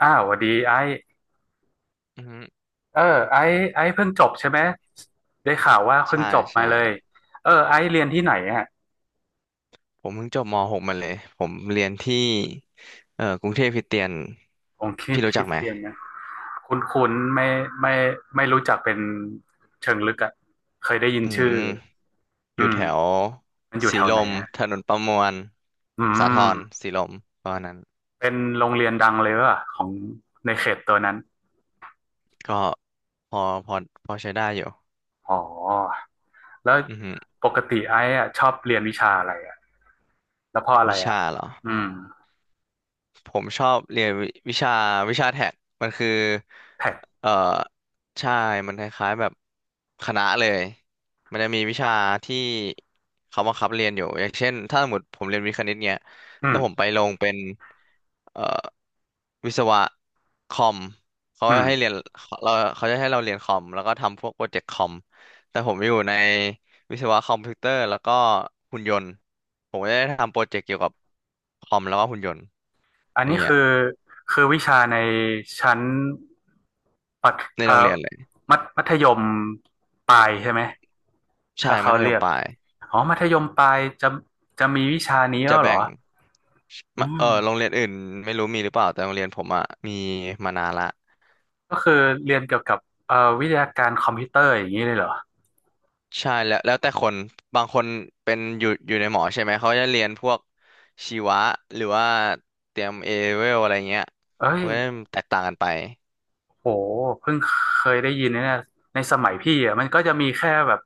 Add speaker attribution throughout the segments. Speaker 1: อ้าวสวัสดีไอซ์
Speaker 2: อือฮึ
Speaker 1: เออไอซ์เพิ่งจบใช่ไหมได้ข่าวว่าเพิ่ง
Speaker 2: ใช่
Speaker 1: จบมา
Speaker 2: ใช่
Speaker 1: เลยเออไอซ์เรียนที่ไหนฮะ
Speaker 2: ผมเพิ่งจบม .6 มาเลยผมเรียนที่กรุงเทพคริสเตียน
Speaker 1: ผมคริด
Speaker 2: พี่รู้
Speaker 1: คริ
Speaker 2: จัก
Speaker 1: ด
Speaker 2: ไหม
Speaker 1: เรียนนะคุ้นคุ้นไม่ไม่ไม่รู้จักเป็นเชิงลึกอะเคยได้ยิน
Speaker 2: อื
Speaker 1: ชื่อ
Speaker 2: มอ
Speaker 1: อื
Speaker 2: ยู่
Speaker 1: ม
Speaker 2: แถว
Speaker 1: มันอยู่
Speaker 2: สี
Speaker 1: แถว
Speaker 2: ล
Speaker 1: ไหน
Speaker 2: ม
Speaker 1: ฮะ
Speaker 2: ถนนประมวล
Speaker 1: อื
Speaker 2: สาท
Speaker 1: ม
Speaker 2: รสีลมประมาณนั้น
Speaker 1: เป็นโรงเรียนดังเลยว่ะของในเขตตัวนั้น
Speaker 2: ก็พอพอพอใช้ได้อยู่
Speaker 1: อ๋อแล้ว
Speaker 2: อือฮึ
Speaker 1: ปกติไอซ์อะชอบเรียนวิชาอะไรอะแล้วเพราะอะไร
Speaker 2: วิ
Speaker 1: อะ
Speaker 2: ชาเหรอ
Speaker 1: อืม
Speaker 2: ผมชอบเรียนวิชาแท็กมันคือ
Speaker 1: แท็ก
Speaker 2: เอ่อใช่มันคล้ายๆแบบคณะเลย มันจะมีวิชาที่เขาบังคับเรียนอยู่อย่างเช่นถ้าสมมติผมเรียนวิทย์คณิตเนี้ย
Speaker 1: อื
Speaker 2: แล้
Speaker 1: ม
Speaker 2: วผมไปลงเป็นเอ่อวิศวะคอมเขา
Speaker 1: อืม
Speaker 2: ให้เรียนเขาจะให้เราเรียนคอมแล้วก็ทำพวกโปรเจกต์คอม แต่ผมอยู่ใน วิศวะคอมพิวเตอร์แล้วก็หุ่นยนต์ผมก็ได้ทำโปรเจกต์เกี่ยวกับคอมแล้วก็หุ่นยนต์
Speaker 1: อัน
Speaker 2: อย่า
Speaker 1: นี้
Speaker 2: งเงี้ย
Speaker 1: คือวิชาในชั้นปัด
Speaker 2: ใน
Speaker 1: เอ่
Speaker 2: โรง
Speaker 1: อ
Speaker 2: เรียนเลย
Speaker 1: มัธยมปลายใช่ไหม
Speaker 2: ใช่
Speaker 1: ถ้า
Speaker 2: มั
Speaker 1: เขา
Speaker 2: ธย
Speaker 1: เรี
Speaker 2: ม
Speaker 1: ยก
Speaker 2: ปลาย
Speaker 1: อ๋อมัธยมปลายจะมีวิชานี้
Speaker 2: จะ
Speaker 1: แล้วเหร
Speaker 2: แบ่
Speaker 1: อ
Speaker 2: ง
Speaker 1: อื
Speaker 2: มาเอ
Speaker 1: ม
Speaker 2: อโรงเรียนอื่นไม่รู้มีหรือเปล่าแต่โรงเรียนผมอะมีมานานละ
Speaker 1: ก็คือเรียนเกี่ยวกับเอ่อวิทยาการคอมพิวเตอร์อย่างนี้เลยเหรอ
Speaker 2: ใช่แล้วแล้วแต่คนบางคนเป็นอยู่อยู่ในหมอใช่ไหมเขาจะเรียนพวกชีวะหรือว่าเตรียมเอเวลอะไรเงี้ย
Speaker 1: เอ้ย
Speaker 2: เว้ยแตกต่างกันไป
Speaker 1: โหเพิ่งเคยได้ยินนะเนี่ยในสมัยพี่อ่ะมันก็จะมีแค่แบบ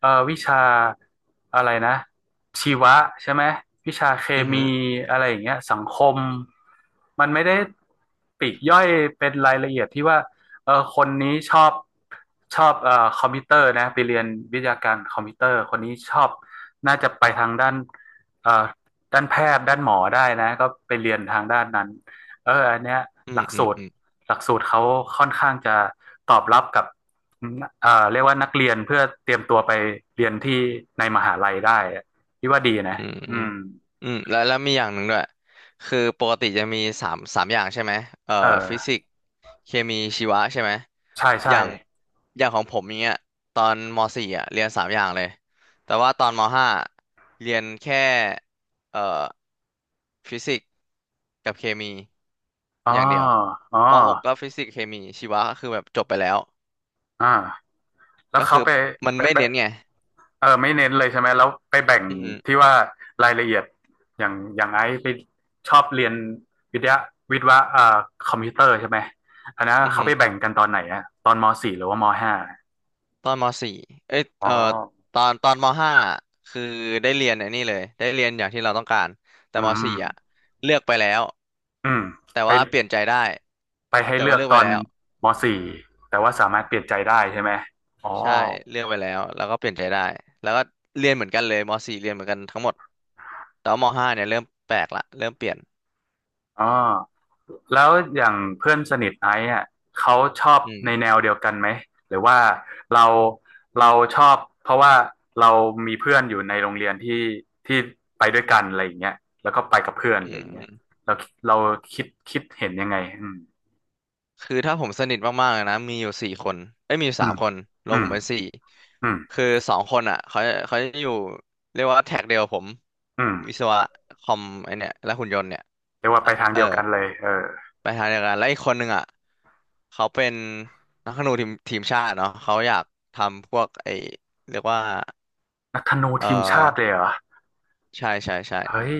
Speaker 1: วิชาอะไรนะชีวะใช่ไหมวิชาเค
Speaker 2: อือฮึ
Speaker 1: มีอะไรอย่างเงี้ยสังคมมันไม่ได้ปลีกย่อยเป็นรายละเอียดที่ว่าเออคนนี้ชอบคอมพิวเตอร์นะไปเรียนวิทยาการคอมพิวเตอร์คนนี้ชอบน่าจะไปทางด้านเอ่อด้านแพทย์ด้านหมอได้นะก็ไปเรียนทางด้านนั้นเอออันเนี้ย
Speaker 2: อื
Speaker 1: หลั
Speaker 2: ม
Speaker 1: ก
Speaker 2: อืม
Speaker 1: สูตร
Speaker 2: อืม
Speaker 1: หลักสูตรเขาค่อนข้างจะตอบรับกับเรียกว่านักเรียนเพื่อเตรียมตัวไปเรียนที่ในมหาลัยได้ที่ว่าดีนะ
Speaker 2: อืมอื
Speaker 1: อื
Speaker 2: ม
Speaker 1: ม
Speaker 2: อืมแล้วมีอย่างหนึ่งด้วยคือปกติจะมีสามอย่างใช่ไหมเอ่อ
Speaker 1: เอ
Speaker 2: ฟิสิ
Speaker 1: อ
Speaker 2: กส์เคมีชีวะใช่ไหม
Speaker 1: ใช่
Speaker 2: อ
Speaker 1: ใช่
Speaker 2: ย่างอย่างของผมอย่างเงี้ยตอนมสี่อ่ะเรียนสามอย่างเลยแต่ว่าตอนมห้าเรียนแค่เอ่อฟิสิกส์กับเคมี
Speaker 1: อ๋อ
Speaker 2: อย่างเดียว
Speaker 1: อ๋อ
Speaker 2: มหกก็ฟิสิกส์เคมีชีวะก็คือแบบจบไปแล้ว
Speaker 1: อ่าแล้ว
Speaker 2: ก็
Speaker 1: เขา
Speaker 2: คือ
Speaker 1: ไป
Speaker 2: มัน
Speaker 1: ไป
Speaker 2: ไม่
Speaker 1: ไป
Speaker 2: เน้นไง
Speaker 1: เออไม่เน้นเลยใช่ไหมแล้วไปแบ่ง
Speaker 2: อืม
Speaker 1: ที่ว่ารายละเอียดอย่างไอ้ไปชอบเรียนวิทยาวิทยาคอมพิวเตอร์ใช่ไหมอันนั้น
Speaker 2: อ
Speaker 1: เขา
Speaker 2: หื
Speaker 1: ไปแบ่
Speaker 2: ม
Speaker 1: งกันตอนไหนอะตอนมสี่หรือว่ามห้า
Speaker 2: ตอนมสี่เอ้ย
Speaker 1: อ๋อ
Speaker 2: ตอนมห้าคือได้เรียนไอ้นี่เลยได้เรียนอย่างที่เราต้องการแต่
Speaker 1: อื
Speaker 2: ม
Speaker 1: ม
Speaker 2: สี่อ่ะเลือกไปแล้ว
Speaker 1: อืม
Speaker 2: แต่
Speaker 1: ไป
Speaker 2: ว่าเปลี่ยนใจได้
Speaker 1: ไปให้
Speaker 2: แต่
Speaker 1: เลื
Speaker 2: ว่า
Speaker 1: อก
Speaker 2: เลือก
Speaker 1: ต
Speaker 2: ไป
Speaker 1: อน
Speaker 2: แล้ว
Speaker 1: ม .4 แต่ว่าสามารถเปลี่ยนใจได้ใช่ไหมอ๋อ
Speaker 2: ใช่เลือกไปแล้วแล้วก็เปลี่ยนใจได้แล้วก็เรียนเหมือนกันเลยมสี่เรียนเหมือนกันทั้งหมดแต่ว่ามห้าเนี่ยเริ่มแปลกละเริ่มเปลี่ยน
Speaker 1: อ๋อแล้วอย่างเพื่อนสนิทไอซ์อ่ะเขาชอบ
Speaker 2: อืม
Speaker 1: ในแนวเดียวกันไหมหรือว่าเราเราชอบเพราะว่าเรามีเพื่อนอยู่ในโรงเรียนที่ที่ไปด้วยกันอะไรอย่างเงี้ยแล้วก็ไปกับเพื่อนอะ
Speaker 2: อื
Speaker 1: ไรอย่างเงี้
Speaker 2: ม
Speaker 1: ยเราเราคิดเห็นยังไงอืม
Speaker 2: คือถ้าผมสนิทมากๆเลยนะมีอยู่สี่คนเอ้ยมีอยู่
Speaker 1: อื
Speaker 2: สาม
Speaker 1: ม
Speaker 2: คนรว
Speaker 1: อื
Speaker 2: มผ
Speaker 1: ม
Speaker 2: มเป็นสี่
Speaker 1: อืม
Speaker 2: คือสองคนอ่ะเขาจะอยู่เรียกว่าแท็กเดียวกับผม
Speaker 1: อืม
Speaker 2: วิศวะคอมไอเนี่ยและหุ่นยนต์เนี่ย
Speaker 1: เรียกว่าไปทาง
Speaker 2: เออ
Speaker 1: เดียวกันเลยเออ
Speaker 2: ไปทางเดียวกันแล้วอีกคนหนึ่งอ่ะเขาเป็นนักธนูทีมชาติเนาะเขาอยากทำพวกไอเรียกว่า
Speaker 1: นักธนู
Speaker 2: เอ
Speaker 1: ทีมชาติเลย
Speaker 2: อ
Speaker 1: เหรอ
Speaker 2: ใช่ใช่ใช่
Speaker 1: เฮ้ย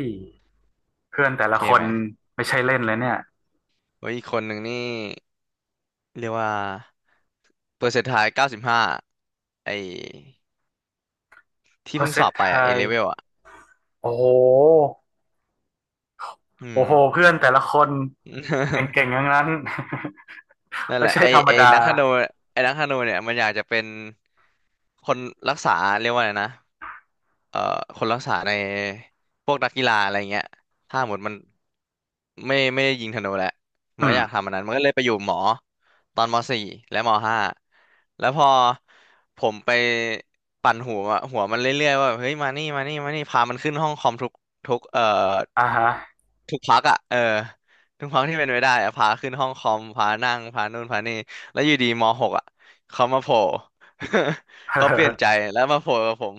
Speaker 1: เพื่อนแต่ละ
Speaker 2: เท่
Speaker 1: ค
Speaker 2: ไห
Speaker 1: น
Speaker 2: ม
Speaker 1: ไม่ใช่เล่นเลยเนี่ย
Speaker 2: โอ้ยอีกคนหนึ่งนี่เรียกว่าเปอร์เซ็นต์ทาย95ไอ
Speaker 1: เพ
Speaker 2: ที่
Speaker 1: อราะ
Speaker 2: เพิ่ง
Speaker 1: เซ
Speaker 2: ส
Speaker 1: น
Speaker 2: อ
Speaker 1: ต
Speaker 2: บไป
Speaker 1: ไท
Speaker 2: อ่ะเอ
Speaker 1: ย
Speaker 2: เลเวลอ่ะ
Speaker 1: โอ้โห
Speaker 2: อื
Speaker 1: โอ้
Speaker 2: ม
Speaker 1: โหเพื่อนแต่ละคนเก่ง ๆทั้งนั้น
Speaker 2: นั่นแห
Speaker 1: ไม่
Speaker 2: ละ
Speaker 1: ใช่
Speaker 2: ไอ
Speaker 1: ธรรม
Speaker 2: ไอ
Speaker 1: ดา
Speaker 2: นักธนูไอนักธนูเนี่ยมันอยากจะเป็นคนรักษาเรียกว่าไงนะเอ่อคนรักษาในพวกนักกีฬาอะไรเงี้ยถ้าหมดมันไม่ได้ยิงธนูแหละมั
Speaker 1: อื
Speaker 2: นก็
Speaker 1: ม
Speaker 2: อยากทำอันนั้นมันก็เลยไปอยู่หมอตอนมสี่และมห้าแล้วพอผมไปปั่นหัวมันเรื่อยๆว่าเฮ้ยมานี่มานี่มานี่พามันขึ้นห้องคอมทุกเอ่อ
Speaker 1: อ่าฮะ
Speaker 2: ทุกพักอ่ะเออทุกพักที่เป็นไปได้อะพาขึ้นห้องคอมพานั่งพานู่นพานี่แล้วอยู่ดีมหกอ่ะเขามาโผล่ เขาเปลี่ยนใจ แล้วมาโผล่กับผม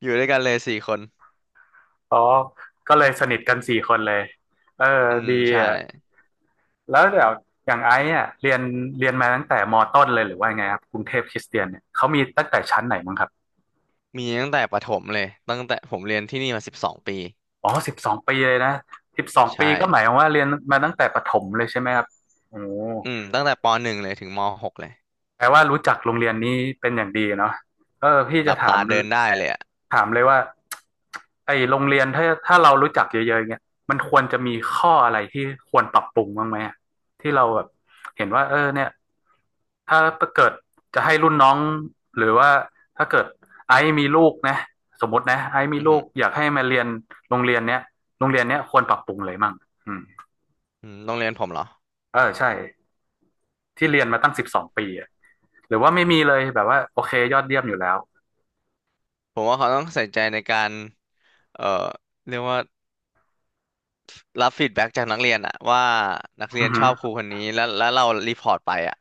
Speaker 2: อยู่ด้วยกันเลยสี่คน
Speaker 1: อ๋อก็เลยสนิทกันสี่คนเลยเออ
Speaker 2: อืม
Speaker 1: ดี
Speaker 2: ใช่
Speaker 1: อ่ะแล้วเดี๋ยวอย่างไอ้อ่ะเรียนมาตั้งแต่มต้นเลยหรือว่าไงครับกรุงเทพคริสเตียนเนี่ยเขามีตั้งแต่ชั้นไหนมั้งครับ
Speaker 2: มีตั้งแต่ประถมเลยตั้งแต่ผมเรียนที่นี่มา12 ปี
Speaker 1: อ๋อสิบสองปีเลยนะสิบสองปี
Speaker 2: ใช่
Speaker 1: ก็หมายความว่าเรียนมาตั้งแต่ประถมเลยใช่ไหมครับโอ้
Speaker 2: อืมตั้งแต่ปหนึ่งเลยถึงมหกเลย
Speaker 1: แปลว่ารู้จักโรงเรียนนี้เป็นอย่างดีเนาะเออพี่
Speaker 2: ห
Speaker 1: จะ
Speaker 2: ลับ
Speaker 1: ถาม
Speaker 2: ตาเดินได้เลยอ่ะ
Speaker 1: ถามเลยว่าไอโรงเรียนถ้าเรารู้จักเยอะๆเงี้ยมันควรจะมีข้ออะไรที่ควรปรับปรุงบ้างไหมอะที่เราแบบเห็นว่าเออเนี่ยถ้าเกิดจะให้รุ่นน้องหรือว่าถ้าเกิดไอซ์มีลูกนะสมมตินะไอซ์มี
Speaker 2: อือ
Speaker 1: ลู
Speaker 2: หื
Speaker 1: ก
Speaker 2: อ
Speaker 1: อยากให้มาเรียนโรงเรียนเนี้ยโรงเรียนเนี้ยควรปรับปรุงเลยมั่งอืม
Speaker 2: อืมโรงเรียนผมเหรอ
Speaker 1: เออใช่ที่เรียนมาตั้งสิบสองปีอะหรือว่าไม่มีเลยแบบว่าโอเคยอดเยี่ยมอยู่แล้ว
Speaker 2: ผมว่าเขาต้องใส่ใจในการเอ่อเรียกว่า รับฟีดแบ็กจากนักเรียนอะว่านักเรี
Speaker 1: อื
Speaker 2: ยน
Speaker 1: อหื
Speaker 2: ช
Speaker 1: อ
Speaker 2: อบครูคนนี้แล้วเรารีพอร์ตไปอะ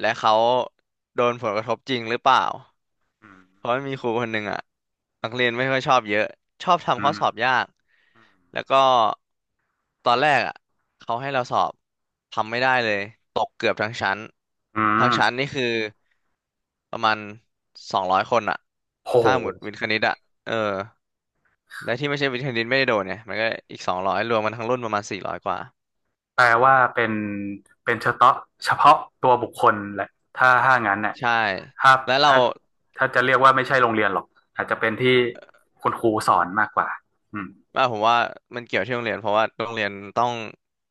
Speaker 2: และเขาโดนผลกระทบจริงหรือเปล่า
Speaker 1: อืม
Speaker 2: เพราะมนมีครูคนหนึ่งอ่ะนักเรียนไม่ค่อยชอบเยอะชอบทำ
Speaker 1: อื
Speaker 2: ข้อ
Speaker 1: ม
Speaker 2: สอบยากแล้วก็ตอนแรกอ่ะเขาให้เราสอบทำไม่ได้เลยตกเกือบทั้งชั้น
Speaker 1: อื
Speaker 2: ทั้
Speaker 1: ม
Speaker 2: งชั้นนี่คือประมาณ200 คนอ่ะ
Speaker 1: โ
Speaker 2: ถ้าหมดวิ
Speaker 1: ห
Speaker 2: ทย์คณิตอ่ะเออและที่ไม่ใช่วิทย์คณิตไม่ได้โดนเนี่ยมันก็อีกสองร้อยรวมมันทั้งรุ่นประมาณ400 กว่า
Speaker 1: แปลว่าเป็นเฉพาะเฉพาะตัวบุคคลแหละ ถ้างั้นเนี่ย
Speaker 2: ใช่
Speaker 1: ถ้า
Speaker 2: แล้วเรา
Speaker 1: ถ้าถ้าจะเรียกว่าไม่ใช่โรงเรียนหรอก อาจจะเป็นที่คุณครูสอนมากกว่า อืม
Speaker 2: อ่าผมว่ามันเกี่ยวที่โรงเรียนเพราะว่าโรงเรียนต้อง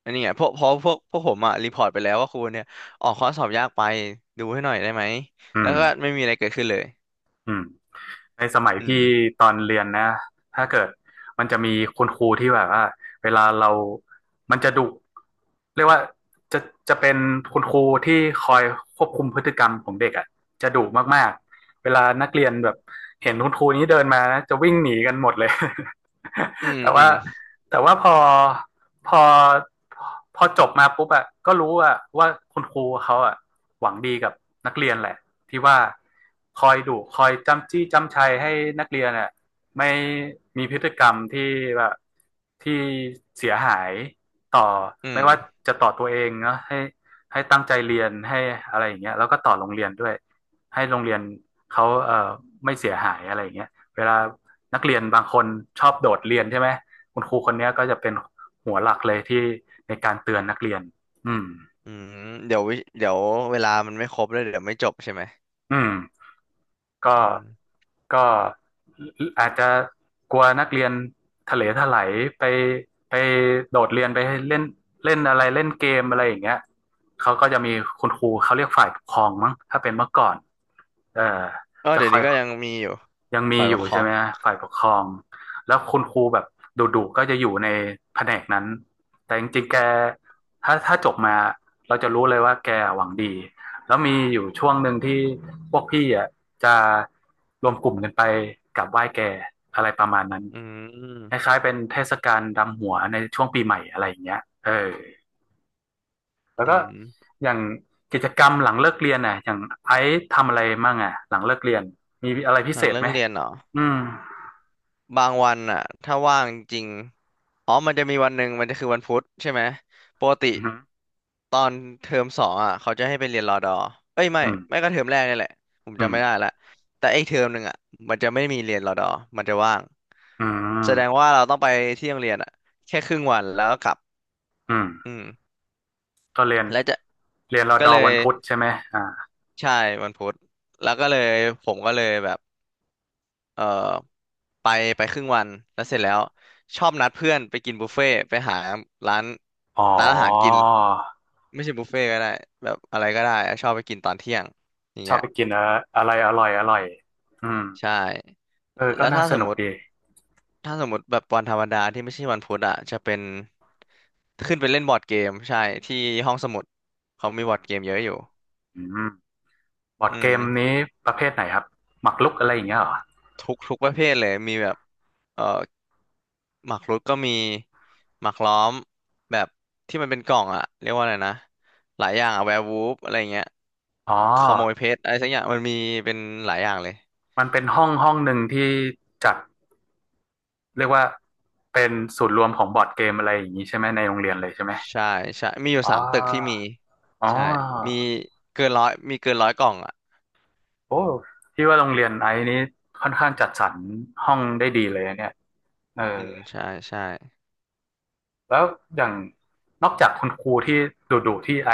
Speaker 2: อันนี้ไงพวกเพราะพวกพวกผมอะรีพอร์ตไปแล้วว่าครูเนี่ยออกข้อสอบยากไปดูให้หน่อยได้ไหม
Speaker 1: อื
Speaker 2: แล้ว
Speaker 1: ม
Speaker 2: ก็ไม่มีอะไรเกิดขึ้นเลย
Speaker 1: อืม ในสมัย
Speaker 2: อืม
Speaker 1: พี่ตอนเรียนนะถ้าเกิดมันจะมีคุณครูที่แบบว่าเวลาเรามันจะดุเรียกว่าจะจะเป็นคุณครูที่คอยควบคุมพฤติกรรมของเด็กอ่ะจะดุมากๆเวลานักเรียนแบบเห็นคุณครูนี้เดินมานะจะวิ่งหนีกันหมดเลย
Speaker 2: อื ม
Speaker 1: แต่
Speaker 2: อื
Speaker 1: ว่า
Speaker 2: ม
Speaker 1: แต่ว่าพอพอจบมาปุ๊บอ่ะก็รู้อ่ะว่าคุณครูเขาอ่ะหวังดีกับนักเรียนแหละ ที่ว่าคอยดุคอยจ้ำจี้จ้ำชัยให้นักเรียนอ่ะไม่มีพฤติกรรมที่แบบที่เสียหายต่อ
Speaker 2: อื
Speaker 1: ไม่ว่า
Speaker 2: ม
Speaker 1: จะต่อตัวเองเนาะให้ตั้งใจเรียนให้อะไรอย่างเงี้ยแล้วก็ต่อโรงเรียนด้วยให้โรงเรียนเขาไม่เสียหายอะไรอย่างเงี้ยเวลานักเรียนบางคนชอบโดดเรียนใช่ไหมคุณครูคนนี้ก็จะเป็นหัวหลักเลยที่ในการเตือนนักเรียนอืม
Speaker 2: อืมเดี๋ยวเวลามันไม่ครบแล้วเดี๋ยวไม่จบใช่ไหม
Speaker 1: อืม ก็
Speaker 2: อืม
Speaker 1: ก็อาจจะกลัวนักเรียนทะเลทลายไปไปโดดเรียนไปเล่นเล่นอะไรเล่นเกมอะไรอย่างเงี้ยเขาก็จะมีคุณครูเขาเรียกฝ่ายปกครองมั้งถ้าเป็นเมื่อก่อนเออ
Speaker 2: ก็
Speaker 1: จะ
Speaker 2: เดี๋ย
Speaker 1: ค
Speaker 2: ว
Speaker 1: อย
Speaker 2: นี้ก็ยังมีอยู่
Speaker 1: ยังมี
Speaker 2: ฝ่าย
Speaker 1: อ
Speaker 2: ป
Speaker 1: ยู่
Speaker 2: กคร
Speaker 1: ใช่
Speaker 2: อง
Speaker 1: ไหมฮะฝ่ายปกครองแล้วคุณครูแบบดุๆก็จะอยู่ในแผนกนั้นแต่จริงๆแกถ้าจบมาเราจะรู้เลยว่าแกหวังดีแล้วมีอยู่ช่วงหนึ่งที่พวกพี่อ่ะจะรวมกลุ่มกันไปกราบไหว้แกอะไรประมาณนั้น
Speaker 2: อื
Speaker 1: ค
Speaker 2: ม
Speaker 1: ล้ายๆเป็นเทศกาลดำหัวในช่วงปีใหม่อะไรอย่างเงี้ยเออแล้ว
Speaker 2: อื
Speaker 1: ก็
Speaker 2: ม
Speaker 1: อย่างกิจกรรมหลังเลิกเรียนอ่ะอย่างไอซ์ทำอะไรมั่งอ่ะหลังเลิกเรียนมีอะไรพิ
Speaker 2: หลั
Speaker 1: เศ
Speaker 2: ง
Speaker 1: ษ
Speaker 2: เลิ
Speaker 1: ไห
Speaker 2: ก
Speaker 1: ม
Speaker 2: เรียนเหรอ
Speaker 1: อืม
Speaker 2: บางวันอะถ้าว่างจริงอ๋อมันจะมีวันหนึ่งมันจะคือวันพุธใช่ไหมปกติ
Speaker 1: อืม
Speaker 2: ตอนเทอมสองอ่ะเขาจะให้ไปเรียนรอดอเอ้ยไม่
Speaker 1: อืม
Speaker 2: ไม่ก็เทอมแรกนี่แหละผม
Speaker 1: อื
Speaker 2: จำ
Speaker 1: ม
Speaker 2: ไม่ได้ละแต่ไอ้เทอมหนึ่งอ่ะมันจะไม่มีเรียนรอดอมันจะว่าง
Speaker 1: อื
Speaker 2: แสดง
Speaker 1: ม
Speaker 2: ว่าเราต้องไปที่โรงเรียนอ่ะแค่ครึ่งวันแล้วก็กลับ
Speaker 1: อืม
Speaker 2: อืม
Speaker 1: ก็เรียน
Speaker 2: แล้วจะ
Speaker 1: เรียนรอ
Speaker 2: ก็
Speaker 1: ดอ
Speaker 2: เล
Speaker 1: วั
Speaker 2: ย
Speaker 1: นพุธใช่ไหมอ่า
Speaker 2: ใช่วันพุธแล้วก็เลยผมก็เลยแบบเออไปไปครึ่งวันแล้วเสร็จแล้วชอบนัดเพื่อนไปกินบุฟเฟ่ต์ไปหาร้าน
Speaker 1: อ๋อ
Speaker 2: ร้านอาหารกินไม่ใช่บุฟเฟ่ต์ก็ได้แบบอะไรก็ได้อะชอบไปกินตอนเที่ยงอย่าง
Speaker 1: ชอ
Speaker 2: เงี้
Speaker 1: บ
Speaker 2: ย
Speaker 1: ไปกินอะอะไรอร่อยอร่อยอืม
Speaker 2: ใช่
Speaker 1: เออก็
Speaker 2: แล้ว
Speaker 1: น่า
Speaker 2: ถ้า
Speaker 1: ส
Speaker 2: สม
Speaker 1: นุ
Speaker 2: ม
Speaker 1: ก
Speaker 2: ติ
Speaker 1: ดี
Speaker 2: ถ้าสมมติแบบวันธรรมดาที่ไม่ใช่วันพุธอ่ะจะเป็นขึ้นไปเล่นบอร์ดเกมใช่ที่ห้องสมุดเขามีบอร์ดเกมเยอะอยู่
Speaker 1: อืมบอร์ด
Speaker 2: อื
Speaker 1: เก
Speaker 2: ม
Speaker 1: มนี้ประเภทไหนครับหมากรุกอะไรอย่างเงี้ยเหรอ
Speaker 2: ทุกทุกประเภทเลยมีแบบเอ่อหมากรุกก็มีหมากล้อมแบบที่มันเป็นกล่องอ่ะเรียกว่าอะไรนะหลายอย่างอะแวร์วูฟอะไรเงี้ย
Speaker 1: อ๋
Speaker 2: ขโมยเพ
Speaker 1: อ
Speaker 2: ชรอะไรสักอย่างมันมีเป็นหลายอย่างเลย
Speaker 1: มันเป็นห้องหนึ่งที่จัดเรียกว่าเป็นศูนย์รวมของบอร์ดเกมอะไรอย่างนี้ใช่ไหมในโรงเรียนเลยใช่ไหม
Speaker 2: ใช่ใช่มีอยู่
Speaker 1: อ๋
Speaker 2: สามตึกที่มี
Speaker 1: ออ๋อ
Speaker 2: ใช่มีเกินร้อยมีเกินร้อยกล่องอ่ะ
Speaker 1: โอ้พี่ว่าโรงเรียนไอ้นี้ค่อนข้างจัดสรรห้องได้ดีเลยนะเนี่ยเออ
Speaker 2: อืมใช่ใช่
Speaker 1: แล้วอย่างนอกจากคุณครูที่ดุๆที่ไอ้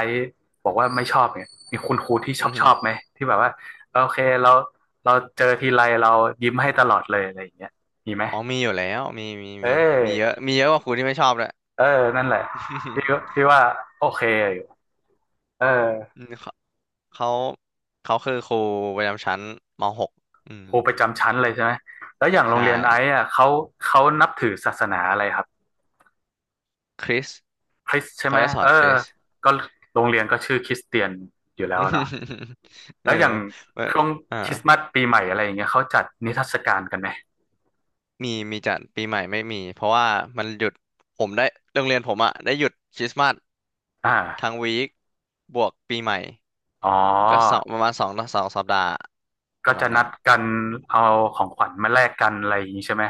Speaker 1: บอกว่าไม่ชอบเนี่ยมีคุณครูที่ชอ
Speaker 2: อื
Speaker 1: บ
Speaker 2: อ
Speaker 1: ช
Speaker 2: ฮึ
Speaker 1: อบไหมที่แบบว่าเออโอเคเราเราเจอทีไรเรายิ้มให้ตลอดเลยอะไรอย่างเงี้ยมีไหม
Speaker 2: อ๋อมีอยู่แล้วมีมี
Speaker 1: เอ
Speaker 2: มีมีเยอะ
Speaker 1: อ
Speaker 2: มีเยอะกว่าครูที่ไม่ชอบเลย
Speaker 1: เออนั่นแหละพี่ก็ พี่ว่าโอเคอยู่เออ
Speaker 2: อืมเขาเขาเขาคือครูประจำชั้นม .6 อืม
Speaker 1: ครูประจำชั้นเลยใช่ไหมแล้วอย่างโรง
Speaker 2: ใช่
Speaker 1: เรียนไอ้อะเขาเขานับถือศาสนาอะไรครับ
Speaker 2: คริส
Speaker 1: คริสใช่
Speaker 2: เขา
Speaker 1: ไหม
Speaker 2: จะสอ
Speaker 1: เอ
Speaker 2: น
Speaker 1: อ
Speaker 2: คริส
Speaker 1: ก็โรงเรียนก็ชื่อคริสเตียนอยู่แล้วเนาะ
Speaker 2: เออ
Speaker 1: แล้วอย่าง
Speaker 2: เว่
Speaker 1: ช่วง
Speaker 2: อ่า
Speaker 1: คริสต์มาสปีใหม่อะไรอย่างเงี้ยเขาจัดนิทรรศการกันไหม
Speaker 2: มีมีจัดปีใหม่ไม่มีเพราะว่ามันหยุดผมได้โรงเรียนผมอะได้หยุดคริสต์มาส
Speaker 1: อ
Speaker 2: ทั้ง
Speaker 1: ่า
Speaker 2: วีคบวกปีใหม่
Speaker 1: อ๋
Speaker 2: ก็สอ
Speaker 1: อ
Speaker 2: งประมาณสองสองสัปดาห์ป
Speaker 1: ก็
Speaker 2: ระมา
Speaker 1: จะ
Speaker 2: ณ
Speaker 1: นั
Speaker 2: นั้น
Speaker 1: ดกันเอาของขวัญมาแลกกันอะไรอย่างงี้ใช่ไหม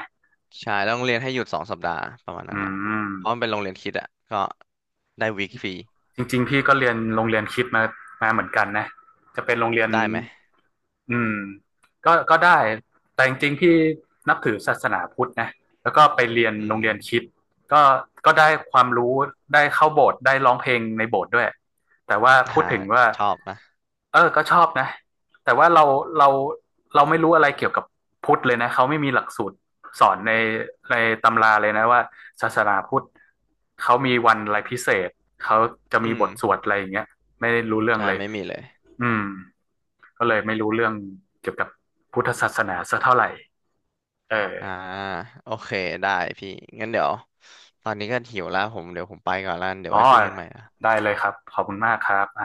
Speaker 2: ใช่แล้วโรงเรียนให้หยุดสองสัปดาห์ประมาณนั้
Speaker 1: อื
Speaker 2: นอ่ะ
Speaker 1: ม
Speaker 2: เพราะมันเป็นโรงเรียนคริดอ่ะก็ได้วีคฟรี
Speaker 1: จริงๆพี่ก็เรียนโรงเรียนคริสต์มามาเหมือนกันนะจะเป็นโรงเรียน
Speaker 2: ได้ไหม
Speaker 1: อืมก็ได้แต่จริงๆพี่นับถือศาสนาพุทธนะแล้วก็ไปเรียน
Speaker 2: อื
Speaker 1: โร
Speaker 2: ม
Speaker 1: งเรียนคริสต์ก็ก็ได้ความรู้ได้เข้าโบสถ์ได้ร้องเพลงในโบสถ์ด้วยแต่ว่าพูด
Speaker 2: หา
Speaker 1: ถึงว่า
Speaker 2: ชอบนะ
Speaker 1: เออก็ชอบนะ แต่ว่าเราเราเราไม่รู้อะไรเกี่ยวกับพุทธเลยนะ เขาไม่มีหลักสูตรสอนในในตำราเลยนะว่าศาสนาพุทธเขามีวันอะไรพิเศษ เขาจะ
Speaker 2: อื
Speaker 1: มีบทสว
Speaker 2: ม
Speaker 1: ดอะไรอย่างเงี้ยไม่ได้รู้เรื่อง
Speaker 2: ใช่
Speaker 1: เลย
Speaker 2: ไม่มีเลย
Speaker 1: อืมก็เลยไม่รู้เรื่องเกี่ยวกับพุทธศาสนาสักเท่าไหร่
Speaker 2: อ่า
Speaker 1: เออ
Speaker 2: โอ
Speaker 1: อ๋อได้เลยครับขอบคุณมากครับไอ